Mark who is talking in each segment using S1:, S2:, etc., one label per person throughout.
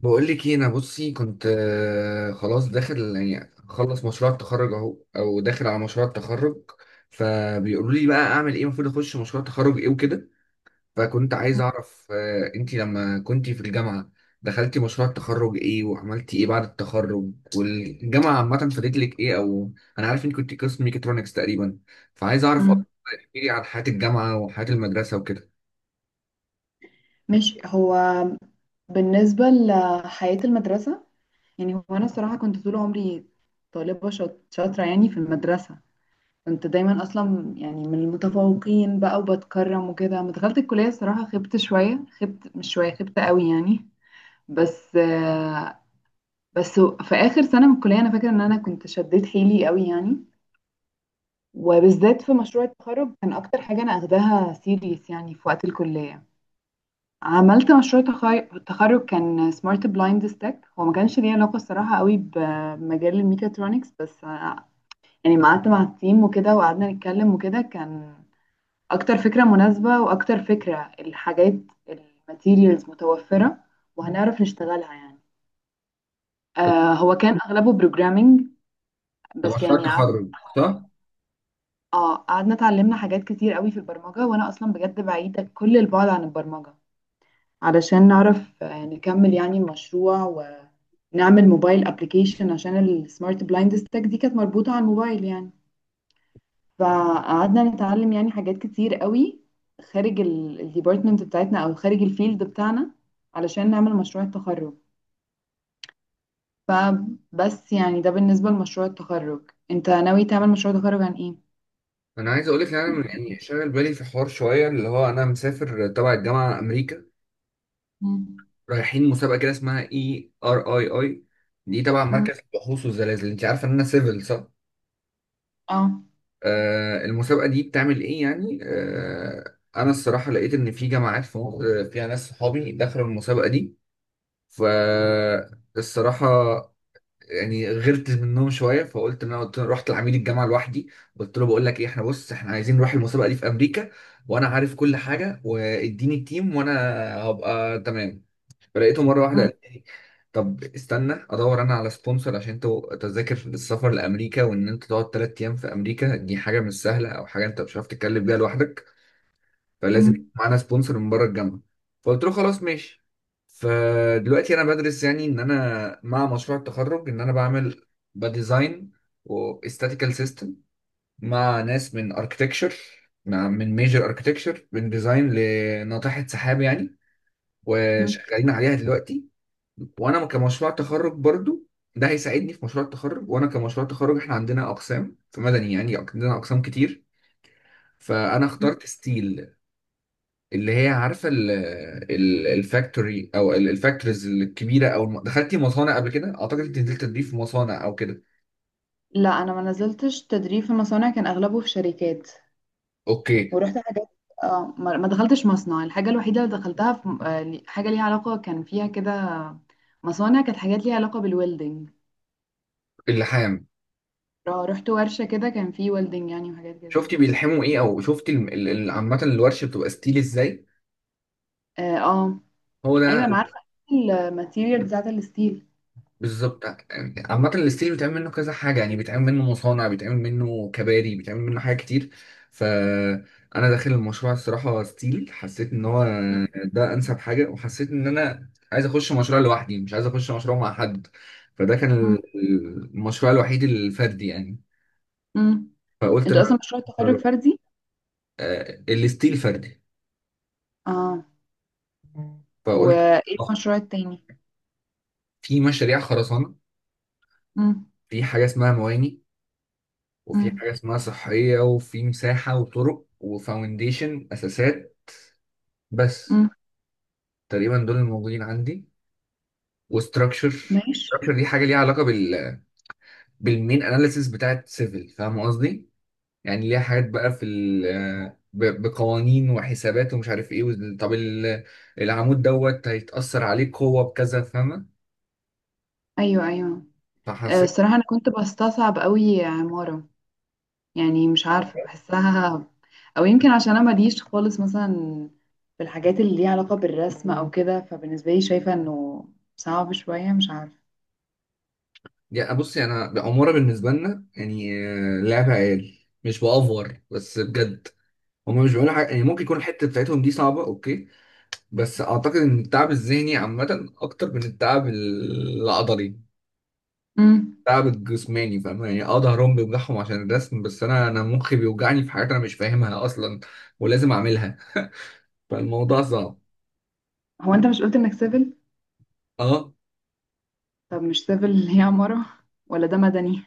S1: بقول لك ايه. انا بصي كنت خلاص داخل يعني خلص مشروع التخرج اهو او داخل على مشروع التخرج. فبيقولوا لي بقى اعمل ايه، المفروض اخش مشروع تخرج ايه وكده. فكنت عايز اعرف انتي لما كنتي في الجامعة دخلتي مشروع التخرج ايه، وعملتي ايه بعد التخرج، والجامعة عامة فادت لك ايه، او انا عارف انك كنت قسم ميكاترونكس تقريبا. فعايز اعرف
S2: مم.
S1: اكتر. احكي لي عن حياة الجامعة وحياة المدرسة وكده.
S2: ماشي. هو بالنسبة لحياة المدرسة، يعني هو أنا الصراحة كنت طول عمري طالبة شاطرة يعني في المدرسة. كنت دايما أصلا يعني من المتفوقين بقى وبتكرم وكده. لما دخلت الكلية الصراحة خبت شوية، خبت مش شوية، خبت قوي يعني. بس آه، بس في آخر سنة من الكلية أنا فاكرة إن أنا كنت شديت حيلي قوي يعني، وبالذات في مشروع التخرج كان أكتر حاجة أنا أخداها سيريس يعني في وقت الكلية. عملت مشروع تخرج كان سمارت بلايند ستاك. هو ما كانش ليه علاقة الصراحة قوي بمجال الميكاترونكس، بس يعني ما قعدت مع التيم وكده وقعدنا نتكلم وكده، كان أكتر فكرة مناسبة وأكتر فكرة الحاجات الماتيريالز متوفرة وهنعرف نشتغلها يعني. هو كان أغلبه بروجرامينج.
S1: ده
S2: بس
S1: مشروع
S2: يعني
S1: التخرج صح؟
S2: قعدنا اتعلمنا حاجات كتير قوي في البرمجة، وأنا أصلا بجد بعيدة كل البعد عن البرمجة، علشان نعرف نكمل يعني المشروع، نعمل موبايل ابلكيشن عشان السمارت بلايند ستاك دي كانت مربوطة على الموبايل يعني. فقعدنا نتعلم يعني حاجات كتير قوي خارج الديبارتمنت بتاعتنا او خارج الفيلد بتاعنا علشان نعمل مشروع التخرج. فبس يعني ده بالنسبة لمشروع التخرج. انت ناوي تعمل مشروع تخرج عن ايه؟
S1: انا عايز اقول لك ان انا يعني شاغل بالي في حوار شويه، اللي هو انا مسافر تبع الجامعه امريكا.
S2: مم.
S1: رايحين مسابقه كده اسمها اي ار اي اي. دي تبع
S2: مم.
S1: مركز البحوث والزلازل. انت عارفه ان انا سيفل صح؟
S2: اه.
S1: آه، المسابقه دي بتعمل ايه، يعني انا الصراحه لقيت ان في جامعات في مصر فيها ناس صحابي دخلوا المسابقه دي. فالصراحه يعني غرت منهم شويه، فقلت ان انا قلت رحت لعميد الجامعه لوحدي. قلت له بقول لك ايه، احنا بص احنا عايزين نروح المسابقه دي في امريكا، وانا عارف كل حاجه، واديني التيم وانا هبقى تمام. فلقيته مره واحده
S2: مم.
S1: قال لي طب استنى ادور انا على سبونسر، عشان انت تذاكر السفر لامريكا وان انت تقعد ثلاث ايام في امريكا دي حاجه مش سهله، او حاجه انت مش عارف تتكلم بيها لوحدك، فلازم يكون
S2: مم.
S1: معانا سبونسر من بره الجامعه. فقلت له خلاص ماشي. فدلوقتي انا بدرس يعني ان انا مع مشروع التخرج ان انا بعمل بديزاين واستاتيكال سيستم مع ناس من اركتكتشر، من ميجر اركتكتشر، من ديزاين لناطحه سحاب يعني،
S2: مم.
S1: وشغالين عليها دلوقتي. وانا كمشروع تخرج برضو ده هيساعدني في مشروع التخرج. وانا كمشروع تخرج احنا عندنا اقسام في مدني، يعني عندنا اقسام كتير. فانا اخترت ستيل، اللي هي عارفه الفاكتوري او الفاكتوريز الكبيره، دخلتي مصانع قبل كده؟ اعتقد انت نزلت تضيف مصانع او كده.
S2: لا انا ما نزلتش تدريب في مصانع، كان اغلبه في شركات
S1: اوكي.
S2: ورحت حاجات. اه، ما دخلتش مصنع. الحاجة الوحيدة اللي دخلتها في حاجة ليها علاقة، كان فيها كده مصانع، كانت حاجات ليها علاقة بالويلدنج.
S1: اللحام.
S2: اه، رحت ورشة كده كان فيه ويلدنج يعني وحاجات كده.
S1: شفتي بيلحموا ايه، او شفتي عامه الورشه بتبقى ستيل ازاي؟
S2: اه، اه،
S1: هو
S2: ايوه،
S1: ده.
S2: انا عارفة الماتيريال بتاعت الستيل.
S1: بالظبط. يعني عامة الستيل بيتعمل منه كذا حاجة، يعني بيتعمل منه مصانع، بيتعمل منه كباري، بيتعمل منه حاجات كتير. فأنا داخل المشروع الصراحة ستيل حسيت إن هو
S2: مم.
S1: ده أنسب حاجة، وحسيت إن أنا عايز أخش مشروع لوحدي، مش عايز أخش مشروع مع حد. فده كان
S2: مم.
S1: المشروع الوحيد الفردي يعني.
S2: مم.
S1: فقلت إن
S2: انتوا
S1: أنا أخش
S2: اصلا مشروع
S1: مشروع
S2: التخرج
S1: لوحدي.
S2: فردي.
S1: آه، الستيل فردي.
S2: اه.
S1: فقلت
S2: وايه
S1: آه،
S2: المشروع التاني؟
S1: في مشاريع خرسانة.
S2: مم.
S1: في حاجة اسمها مواني، وفي
S2: مم.
S1: حاجة اسمها صحية، وفي مساحة وطرق وفاونديشن أساسات. بس
S2: مم.
S1: تقريبا دول الموجودين عندي، وستراكشر.
S2: ماشي.
S1: ستراكشر دي حاجة ليها علاقة بال، بالمين أناليسيس بتاعت سيفل. فاهم قصدي؟ يعني ليها حاجات بقى في بقوانين وحسابات ومش عارف ايه، العمود دوت هيتأثر عليه قوة بكذا. فاهمة؟
S2: ايوه، ايوه.
S1: فحسيت،
S2: الصراحة انا كنت بستصعب قوي عمارة، يعني مش عارفة بحسها، أو يمكن عشان أنا ماليش خالص مثلا في الحاجات اللي ليها علاقة بالرسم أو كده. فبالنسبة لي شايفة إنه صعب شوية، مش عارفة.
S1: يعني بصي أنا عمارة بالنسبة لنا يعني لعبة عيال. مش بأفور، بس بجد. هما مش بيقولوا حاجة، يعني ممكن يكون الحتة بتاعتهم دي صعبة أوكي، بس أعتقد إن التعب الذهني عامة أكتر من التعب العضلي،
S2: امم.
S1: التعب الجسماني. فاهم يعني؟ أه ظهرهم بيوجعهم عشان الرسم، بس أنا مخي بيوجعني في حاجات أنا مش فاهمها أصلا ولازم أعملها، فالموضوع صعب.
S2: هو أنت مش قلت إنك سيفل؟
S1: أه.
S2: طب مش سيفل اللي هي عمارة؟ ولا ده مدني؟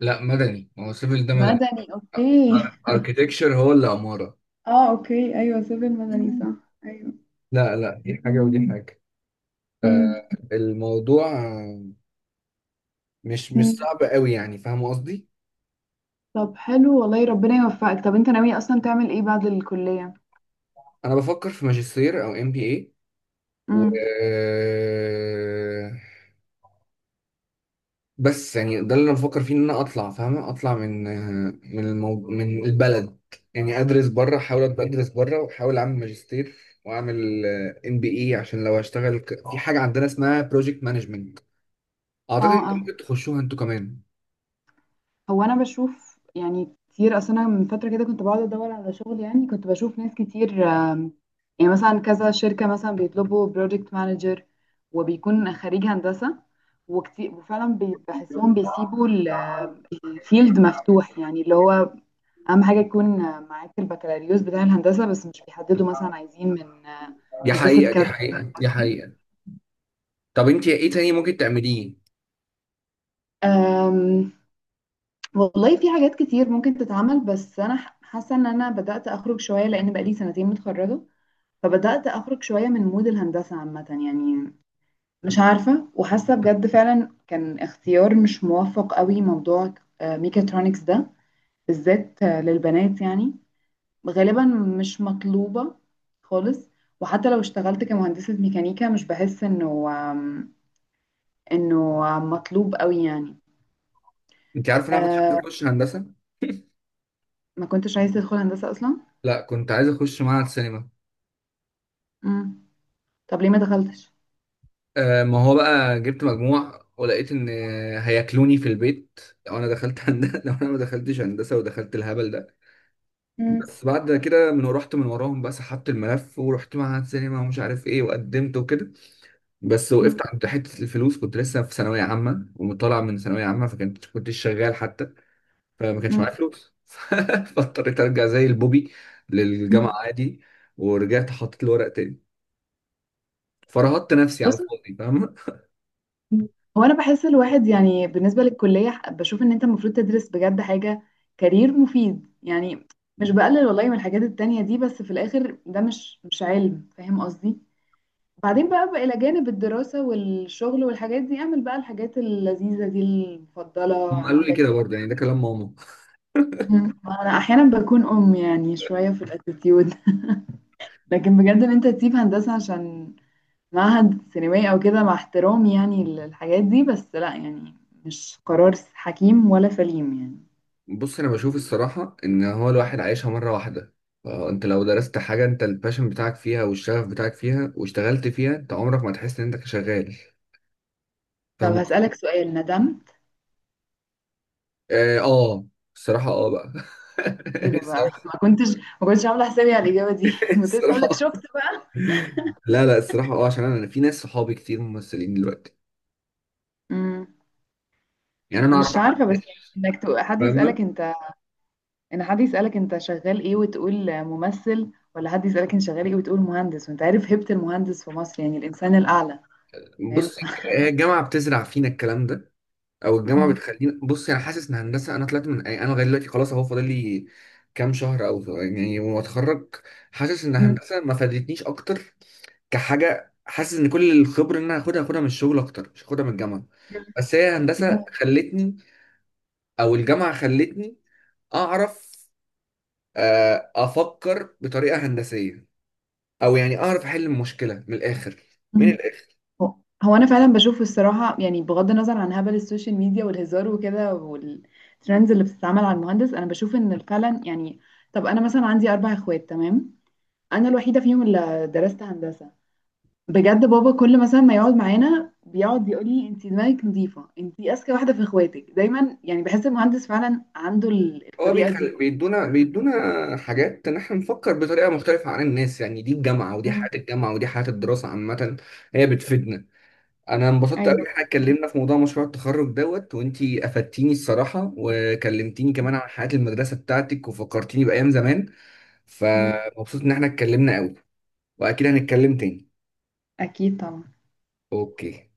S1: لا مدني، ما هو السيفل ده مدني.
S2: مدني، أوكي.
S1: أركيتكشر هو اللي عمارة.
S2: اه، أوكي، أيوة، سيفل مدني،
S1: مم.
S2: صح. أيوة.
S1: لا لا، دي حاجة ودي حاجة.
S2: امم.
S1: الموضوع مش
S2: أمم.
S1: صعب قوي يعني. فاهم قصدي؟
S2: طب حلو، والله ربنا يوفقك. طب أنت ناوي أصلا تعمل إيه بعد الكلية؟
S1: أنا بفكر في ماجستير أو ام بي، و،
S2: امم.
S1: بس يعني ده اللي انا بفكر فيه ان انا اطلع. فاهمه، اطلع من، من البلد يعني. ادرس بره، احاول ابقى ادرس بره واحاول اعمل ماجستير واعمل ام بي اي، عشان لو اشتغل في حاجه عندنا اسمها بروجكت مانجمنت. اعتقد
S2: اه،
S1: انتوا
S2: اه.
S1: ممكن تخشوها انتوا كمان.
S2: هو انا بشوف يعني كتير، اصلا انا من فتره كده كنت بقعد ادور على شغل، يعني كنت بشوف ناس كتير يعني مثلا كذا شركه مثلا بيطلبوا بروجكت مانجر، وبيكون خريج هندسه وكتير. وفعلا بحسهم بيسيبوا الفيلد مفتوح، يعني اللي هو اهم حاجه يكون معاك البكالوريوس بتاع الهندسه، بس مش بيحددوا مثلا عايزين من
S1: دي
S2: هندسه
S1: حقيقه، دي
S2: كذا.
S1: حقيقه، دي حقيقه. طب انت ايه تاني ممكن تعمليه؟
S2: أم، والله في حاجات كتير ممكن تتعمل، بس انا حاسه ان انا بدات اخرج شويه لان بقالي سنتين متخرجه، فبدأت أخرج شوية من مود الهندسة عامة يعني. مش عارفة، وحاسة بجد فعلا كان اختيار مش موفق قوي موضوع ميكاترونكس ده، بالذات للبنات يعني. غالبا مش مطلوبة خالص. وحتى لو اشتغلت كمهندسة ميكانيكا مش بحس انه مطلوب قوي يعني.
S1: انت عارفه إن انا كنت عايز
S2: أه.
S1: اخش هندسه.
S2: ما كنتش عايزة تدخل هندسة أصلا؟
S1: لا كنت عايز اخش معهد سينما.
S2: مم. طب ليه ما دخلتش؟
S1: آه، ما هو بقى جبت مجموع ولقيت ان هياكلوني في البيت لو انا دخلت هندسه لو انا ما دخلتش هندسه ودخلت الهبل ده.
S2: مم.
S1: بس بعد كده من رحت من وراهم بقى سحبت الملف ورحت معهد سينما ومش عارف ايه وقدمت وكده. بس
S2: مم.
S1: وقفت عند حته الفلوس، كنت لسه في ثانويه عامه ومطلع من ثانويه عامه، فكنت كنتش شغال حتى. فما كانش معايا فلوس فاضطريت ارجع زي البوبي للجامعه
S2: مم.
S1: عادي. ورجعت حطيت الورق تاني، فرهطت نفسي على
S2: بص،
S1: الفاضي. فاهم؟
S2: هو انا بحس الواحد يعني بالنسبه للكليه بشوف ان انت المفروض تدرس بجد حاجه كارير مفيد يعني. مش بقلل والله من الحاجات التانية دي، بس في الاخر ده مش علم، فاهم قصدي؟ بعدين بقى، الى جانب الدراسه والشغل والحاجات دي اعمل بقى الحاجات اللذيذه دي المفضله
S1: هم قالوا لي
S2: عندك.
S1: كده برضه، يعني ده كلام ماما.
S2: مم. انا احيانا بكون يعني شويه في الاتيتيود. لكن بجد ان انت تسيب هندسه عشان معهد سينمائي او كده، مع احترامي يعني للحاجات دي، بس لا يعني، مش قرار حكيم ولا سليم يعني.
S1: بص انا بشوف الصراحه ان هو الواحد عايشها مره واحده، فانت لو درست حاجه انت الباشن بتاعك فيها والشغف بتاعك فيها واشتغلت فيها، انت عمرك ما تحس ان انت شغال.
S2: طب
S1: فاهم
S2: هسألك
S1: قصدي؟
S2: سؤال. ندمت؟
S1: اه، الصراحه اه بقى.
S2: ايه ده بقى؟
S1: الصراحه،
S2: ما كنتش عامله حسابي على الإجابة دي. كنت لسه هقول لك،
S1: الصراحه،
S2: شفت بقى.
S1: لا لا الصراحه اه. عشان أنا في ناس صحابي كتير ممثلين دلوقتي.
S2: مم.
S1: يعني انا اعرف
S2: مش
S1: احمد
S2: عارفة، بس يعني
S1: داش.
S2: انك حد يسألك
S1: فاهمه؟
S2: انت، ان حد يسألك انت شغال ايه وتقول ممثل، ولا حد يسألك انت شغال ايه وتقول مهندس، وانت عارف هيبة المهندس في مصر يعني الإنسان الأعلى. فاهم؟
S1: بص هي الجامعه بتزرع فينا الكلام ده، او الجامعه
S2: مم.
S1: بتخليني، بص انا حاسس ان هندسه انا طلعت من، يعني انا لغايه دلوقتي خلاص اهو فاضل لي كام شهر او يعني واتخرج. حاسس ان
S2: مم.
S1: هندسه ما فادتنيش اكتر كحاجه. حاسس ان كل الخبره اللي انا هاخدها هاخدها من الشغل اكتر، مش هاخدها من الجامعه. بس هي هندسه خلتني، او الجامعه خلتني، اعرف افكر بطريقه هندسيه، او يعني اعرف احل المشكله من الاخر. مين،
S2: مم. هو هو انا فعلا بشوف الصراحه يعني بغض النظر عن هبل السوشيال ميديا والهزار وكده والترندز اللي بتتعمل على المهندس، انا بشوف ان فعلا يعني. طب انا مثلا عندي اربع اخوات، تمام. انا الوحيده فيهم اللي درست هندسه. بجد بابا كل مثلا ما يقعد معانا بيقعد يقول لي انت دماغك نظيفه، انت اذكى واحده في اخواتك، دايما يعني بحس المهندس فعلا عنده
S1: هو،
S2: الطريقه دي.
S1: بيدونا حاجات ان احنا نفكر بطريقه مختلفه عن الناس. يعني دي الجامعه، ودي
S2: امم.
S1: حياه الجامعه، ودي حياه الدراسه عامه. هي بتفيدنا. انا انبسطت قوي ان
S2: ايوه.
S1: احنا اتكلمنا في موضوع مشروع التخرج دوت، وانتي افدتيني الصراحه وكلمتيني كمان عن حياه المدرسه بتاعتك وفكرتيني بايام زمان.
S2: امم.
S1: فمبسوط ان احنا اتكلمنا قوي. واكيد هنتكلم تاني.
S2: اكيد طبعا.
S1: اوكي.